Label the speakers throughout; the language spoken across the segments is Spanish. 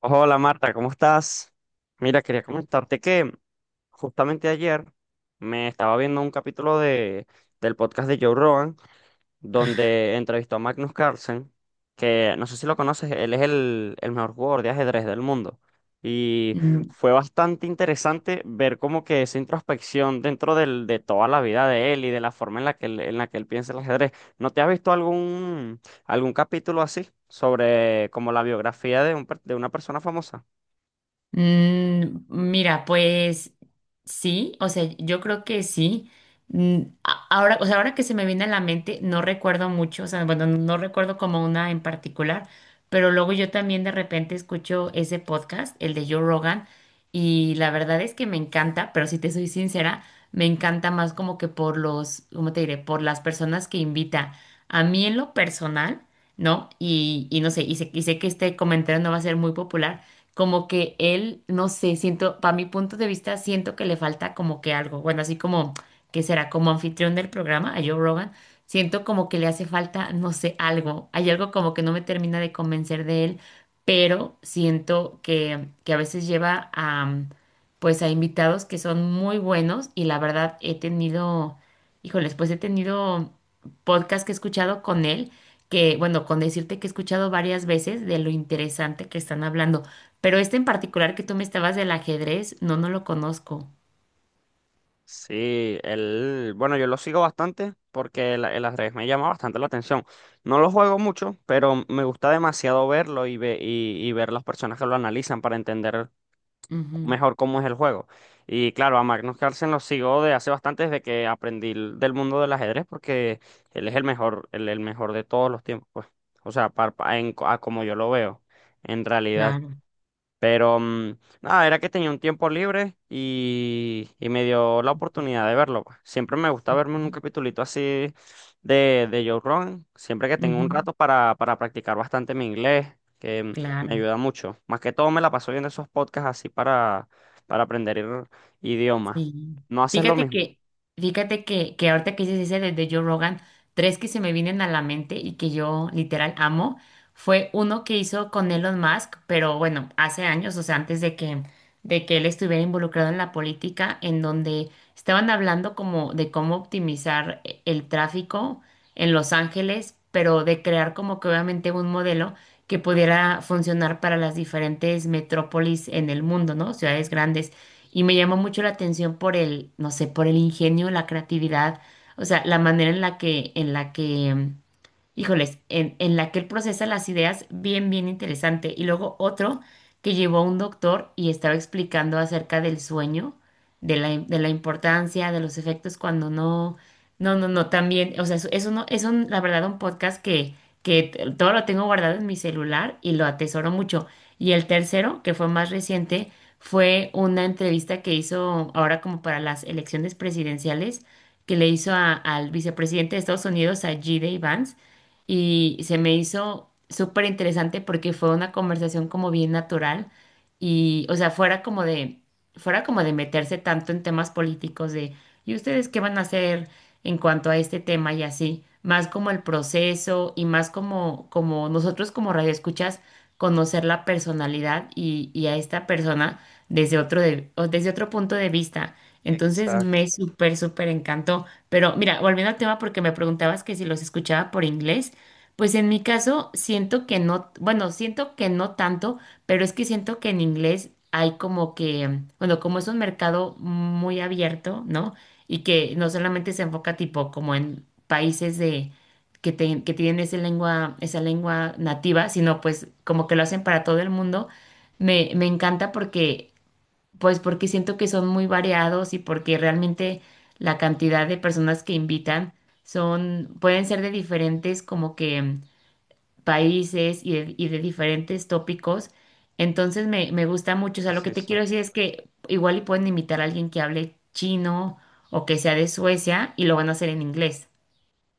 Speaker 1: Hola Marta, ¿cómo estás? Mira, quería comentarte que justamente ayer me estaba viendo un capítulo del podcast de Joe Rogan, donde entrevistó a Magnus Carlsen, que no sé si lo conoces, él es el mejor jugador de ajedrez del mundo. Y
Speaker 2: Mm,
Speaker 1: fue bastante interesante ver como que esa introspección de toda la vida de él y de la forma en la que él piensa el ajedrez. ¿No te has visto algún capítulo así sobre como la biografía de de una persona famosa?
Speaker 2: mira, pues sí, o sea, yo creo que sí. Ahora, o sea, ahora que se me viene a la mente, no recuerdo mucho, o sea, bueno, no recuerdo como una en particular, pero luego yo también de repente escucho ese podcast, el de Joe Rogan, y la verdad es que me encanta, pero si te soy sincera, me encanta más como que por los, ¿cómo te diré? Por las personas que invita. A mí en lo personal, ¿no? Y no sé, y sé que este comentario no va a ser muy popular. Como que él, no sé, siento, para mi punto de vista, siento que le falta como que algo, bueno, así como que será como anfitrión del programa, a Joe Rogan, siento como que le hace falta, no sé, algo, hay algo como que no me termina de convencer de él, pero siento que a veces lleva a, pues a invitados que son muy buenos y la verdad he tenido, híjoles, pues he tenido podcast que he escuchado con él. Que, bueno, con decirte que he escuchado varias veces de lo interesante que están hablando. Pero este en particular que tú me estabas del ajedrez, no, no lo conozco.
Speaker 1: Sí, él, bueno, yo lo sigo bastante porque el ajedrez me llama bastante la atención. No lo juego mucho, pero me gusta demasiado verlo y ver las personas que lo analizan para entender
Speaker 2: Ujú,
Speaker 1: mejor cómo es el juego. Y claro, a Magnus Carlsen lo sigo de hace bastante desde que del mundo del ajedrez porque él es el mejor de todos los tiempos, pues. O sea, a como yo lo veo, en realidad.
Speaker 2: claro.
Speaker 1: Pero nada, era que tenía un tiempo libre y me dio la oportunidad de verlo, pues. Siempre me gusta verme un
Speaker 2: Ok.
Speaker 1: capitulito así de Joe Rogan, siempre que tengo un
Speaker 2: Ujú,
Speaker 1: rato para practicar bastante mi inglés, que me
Speaker 2: claro.
Speaker 1: ayuda mucho. Más que todo me la paso viendo esos podcasts así para aprender idiomas.
Speaker 2: Sí.
Speaker 1: ¿No haces lo
Speaker 2: Fíjate
Speaker 1: mismo?
Speaker 2: que, fíjate que ahorita que dices ese de Joe Rogan, tres que se me vienen a la mente y que yo literal amo, fue uno que hizo con Elon Musk, pero bueno, hace años, o sea, de que él estuviera involucrado en la política, en donde estaban hablando como de cómo optimizar el tráfico en Los Ángeles, pero de crear como que obviamente un modelo que pudiera funcionar para las diferentes metrópolis en el mundo, ¿no? Ciudades grandes. Y me llamó mucho la atención por el, no sé, por el ingenio, la creatividad, o sea, la manera en la que híjoles, en la que él procesa las ideas, bien, bien interesante. Y luego otro que llevó a un doctor y estaba explicando acerca del sueño, de la importancia, de los efectos cuando no, también, o sea, eso no, es un, la verdad, un podcast que todo lo tengo guardado en mi celular y lo atesoro mucho. Y el tercero, que fue más reciente, fue una entrevista que hizo ahora como para las elecciones presidenciales, que le hizo al vicepresidente de Estados Unidos, a G. Vance, y se me hizo súper interesante porque fue una conversación como bien natural y, o sea, fuera como de meterse tanto en temas políticos de, ¿y ustedes qué van a hacer en cuanto a este tema y así? Más como el proceso y más como, como nosotros como radioescuchas conocer la personalidad y a esta persona desde otro, o desde otro punto de vista. Entonces
Speaker 1: Exacto.
Speaker 2: me súper, súper encantó. Pero mira, volviendo al tema porque me preguntabas que si los escuchaba por inglés. Pues en mi caso siento que no, bueno, siento que no tanto, pero es que siento que en inglés hay como que, bueno, como es un mercado muy abierto, ¿no? Y que no solamente se enfoca tipo como en países que tienen esa lengua nativa, sino pues como que lo hacen para todo el mundo. Me encanta porque, pues porque siento que son muy variados y porque realmente la cantidad de personas que invitan son, pueden ser de diferentes como que países y de diferentes tópicos. Entonces me gusta mucho. O sea, lo que
Speaker 1: Sí,
Speaker 2: te
Speaker 1: sí.
Speaker 2: quiero decir es que igual y pueden invitar a alguien que hable chino o que sea de Suecia y lo van a hacer en inglés.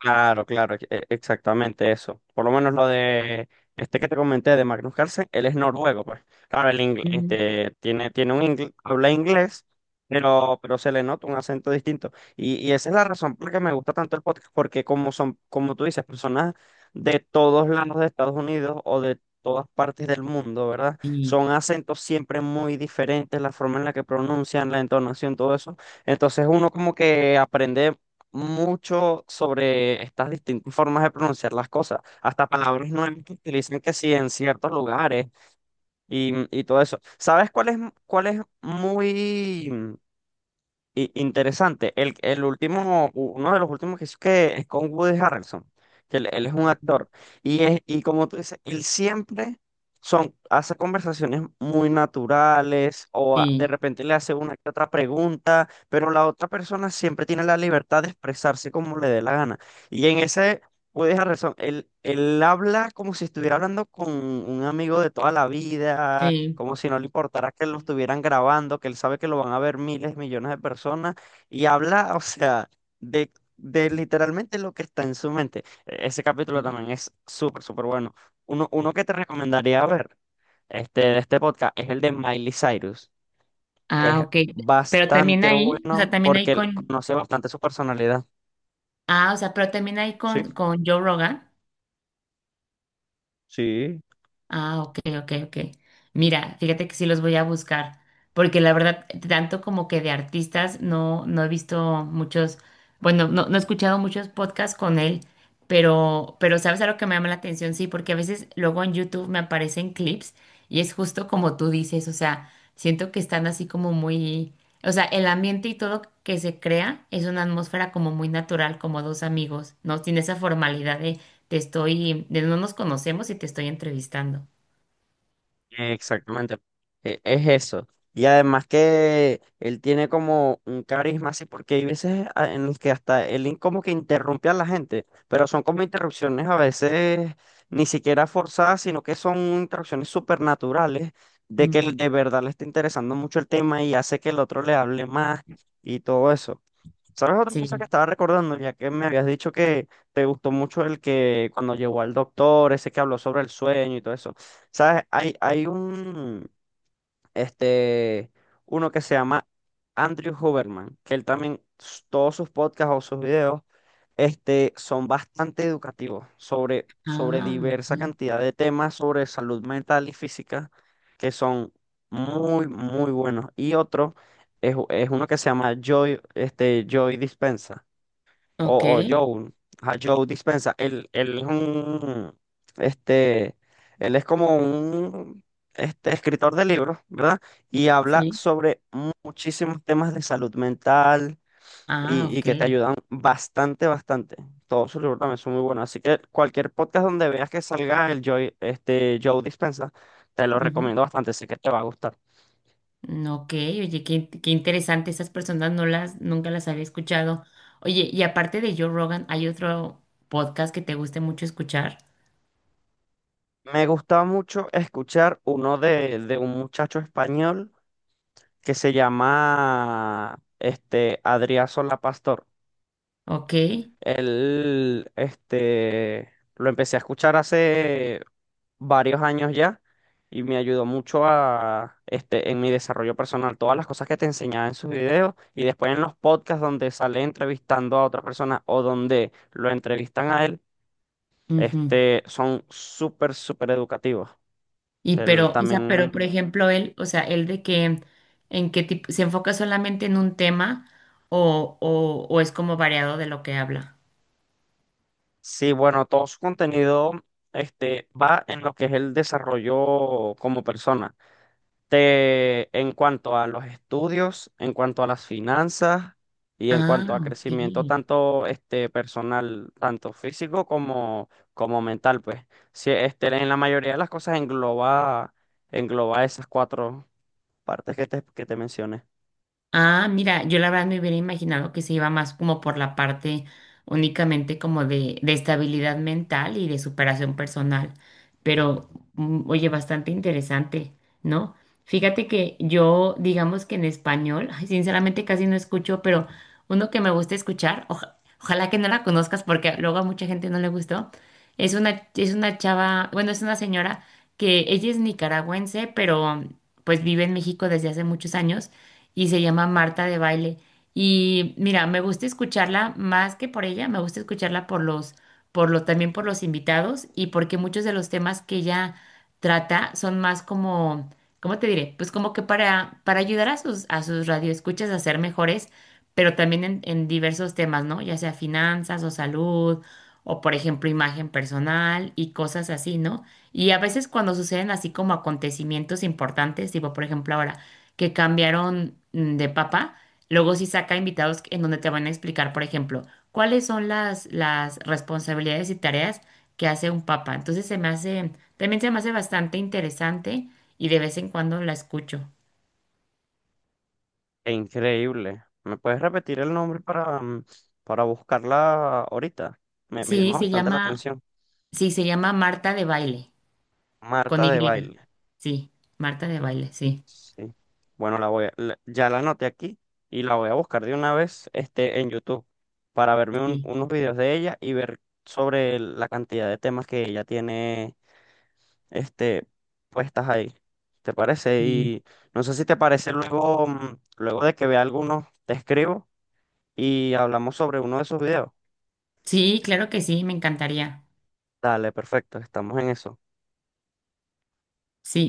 Speaker 1: Claro, claro, exactamente eso. Por lo menos lo de este que te comenté de Magnus Carlsen, él es noruego, pues. Claro,
Speaker 2: Mm,
Speaker 1: este, tiene habla inglés, pero se le nota un acento distinto. Y esa es la razón por la que me gusta tanto el podcast, porque como son, como tú dices, personas de todos lados de Estados Unidos o de todas partes del mundo, ¿verdad?
Speaker 2: Sí,
Speaker 1: Son acentos siempre muy diferentes, la forma en la que pronuncian, la entonación, todo eso. Entonces uno como que aprende mucho sobre estas distintas formas de pronunciar las cosas, hasta palabras nuevas que utilizan que sí en ciertos lugares y todo eso. ¿Cuál es muy... interesante? El último, uno de los últimos que hizo que es con Woody Harrelson, que él es
Speaker 2: ¿no?
Speaker 1: un
Speaker 2: Ujú.
Speaker 1: actor. Y es, y como tú dices, él siempre hace conversaciones muy naturales, o de
Speaker 2: Sí,
Speaker 1: repente le hace una que otra pregunta, pero la otra persona siempre tiene la libertad de expresarse como le dé la gana. Y en ese, puedes dejar razón. Él habla como si estuviera hablando con un amigo de toda la vida,
Speaker 2: sí.
Speaker 1: como si no le importara que lo estuvieran grabando, que él sabe que lo van a ver miles, millones de personas, y habla, o sea, de, de literalmente lo que está en su mente. Ese capítulo también es súper, súper bueno. Uno que te recomendaría ver este, de este podcast es el de Miley Cyrus. Es
Speaker 2: Ah, ok. Pero también
Speaker 1: bastante
Speaker 2: ahí, o sea,
Speaker 1: bueno
Speaker 2: también ahí
Speaker 1: porque él
Speaker 2: con,
Speaker 1: conoce bastante su personalidad.
Speaker 2: ah, o sea, pero también ahí con Joe Rogan. Ah, ok, ok, ok. Mira, fíjate que sí los voy a buscar, porque la verdad, tanto como que de artistas, no, no he visto muchos, bueno, no, no he escuchado muchos podcasts con él, pero ¿sabes algo que me llama la atención? Sí, porque a veces luego en YouTube me aparecen clips y es justo como tú dices, o sea, siento que están así como muy, o sea, el ambiente y todo que se crea es una atmósfera como muy natural, como dos amigos, ¿no? Tiene esa formalidad de no nos conocemos y te estoy entrevistando.
Speaker 1: Exactamente, es eso. Y además que él tiene como un carisma así, porque hay veces en los que hasta como que interrumpe a la gente, pero son como interrupciones a veces ni siquiera forzadas, sino que son interrupciones supernaturales de que
Speaker 2: Mm,
Speaker 1: él de verdad le está interesando mucho el tema y hace que el otro le hable más y todo eso. ¿Sabes otra cosa que
Speaker 2: Sí.
Speaker 1: estaba recordando? Ya que me habías dicho que te gustó mucho el que cuando llegó al doctor, ese que habló sobre el sueño y todo eso. ¿Sabes? Hay un, este, uno que se llama Andrew Huberman, que él también, todos sus podcasts o sus videos, este, son bastante educativos sobre
Speaker 2: Ah,
Speaker 1: diversa
Speaker 2: ok.
Speaker 1: cantidad de temas sobre salud mental y física, que son muy, muy buenos. Y otro es uno que se llama Joy, este, Joy Dispenza
Speaker 2: Ok,
Speaker 1: o Joe, a Joe Dispenza, él es un, este, él es como un, este, escritor de libros, ¿verdad? Y habla
Speaker 2: sí.
Speaker 1: sobre muchísimos temas de salud mental
Speaker 2: Ah,
Speaker 1: y
Speaker 2: ok.
Speaker 1: que te ayudan bastante, bastante. Todos sus libros también son muy buenos. Así que cualquier podcast donde veas que salga el Joe, este, Joe Dispenza, te lo
Speaker 2: Ujú.
Speaker 1: recomiendo bastante, sé que te va a gustar.
Speaker 2: Ok, oye, qué, qué interesante. Esas personas no las, nunca las había escuchado. Oye, y aparte de Joe Rogan, ¿hay otro podcast que te guste mucho escuchar?
Speaker 1: Me gustaba mucho escuchar uno de un muchacho español que se llama este Adrià Solá Pastor.
Speaker 2: Ok.
Speaker 1: Él este lo empecé a escuchar hace varios años ya y me ayudó mucho a este en mi desarrollo personal, todas las cosas que te enseñaba en sus videos y después en los podcasts donde sale entrevistando a otra persona o donde lo entrevistan a él,
Speaker 2: Ujú.
Speaker 1: este son súper súper educativos.
Speaker 2: Y
Speaker 1: Él
Speaker 2: pero, o sea,
Speaker 1: también.
Speaker 2: pero por ejemplo, él, o sea, ¿en qué tipo, se enfoca solamente en un tema o es como variado de lo que habla?
Speaker 1: Sí, bueno, todo su contenido este, va en lo que es el desarrollo como persona. En cuanto a los estudios, en cuanto a las finanzas y en
Speaker 2: Ah,
Speaker 1: cuanto a crecimiento
Speaker 2: ok.
Speaker 1: tanto este, personal, tanto físico como, como mental, pues. Sí, este, en la mayoría de las cosas engloba esas cuatro partes que te mencioné.
Speaker 2: Ah, mira, yo la verdad me hubiera imaginado que se iba más como por la parte únicamente como de estabilidad mental y de superación personal, pero oye, bastante interesante, ¿no? Fíjate que yo, digamos que en español, ay, sinceramente casi no escucho, pero uno que me gusta escuchar, ojalá que no la conozcas porque luego a mucha gente no le gustó, es una chava, bueno, es una señora que ella es nicaragüense, pero pues vive en México desde hace muchos años y se llama Marta de Baile. Y mira, me gusta escucharla más que por ella, me gusta escucharla por los, también por los invitados y porque muchos de los temas que ella trata son más como, ¿cómo te diré? Pues como que para ayudar a sus radioescuchas a ser mejores, pero también en diversos temas, ¿no? Ya sea finanzas o salud, o por ejemplo imagen personal y cosas así, ¿no? Y a veces cuando suceden así como acontecimientos importantes, tipo por ejemplo ahora que cambiaron de papa, luego sí saca invitados en donde te van a explicar, por ejemplo, cuáles son las responsabilidades y tareas que hace un papa. Entonces se me hace, también se me hace bastante interesante y de vez en cuando la escucho.
Speaker 1: E increíble. ¿Me puedes repetir el nombre para, para buscarla ahorita? Me
Speaker 2: Sí,
Speaker 1: llamó
Speaker 2: se
Speaker 1: bastante la
Speaker 2: llama,
Speaker 1: atención.
Speaker 2: sí, se llama Marta de Baile, con
Speaker 1: Marta de
Speaker 2: Y.
Speaker 1: Baile.
Speaker 2: Sí, Marta de Baile, sí,
Speaker 1: Sí. Bueno, la voy a- la- ya la anoté aquí y la voy a buscar de una vez este, en YouTube para verme
Speaker 2: sí,
Speaker 1: unos videos de ella y ver sobre la cantidad de temas que ella tiene este, puestas ahí. ¿Te parece?
Speaker 2: sí.
Speaker 1: Y no sé si te parece luego, luego de que vea algunos, te escribo y hablamos sobre uno de esos videos.
Speaker 2: Sí, claro que sí, me encantaría.
Speaker 1: Dale, perfecto, estamos en eso.
Speaker 2: Sí.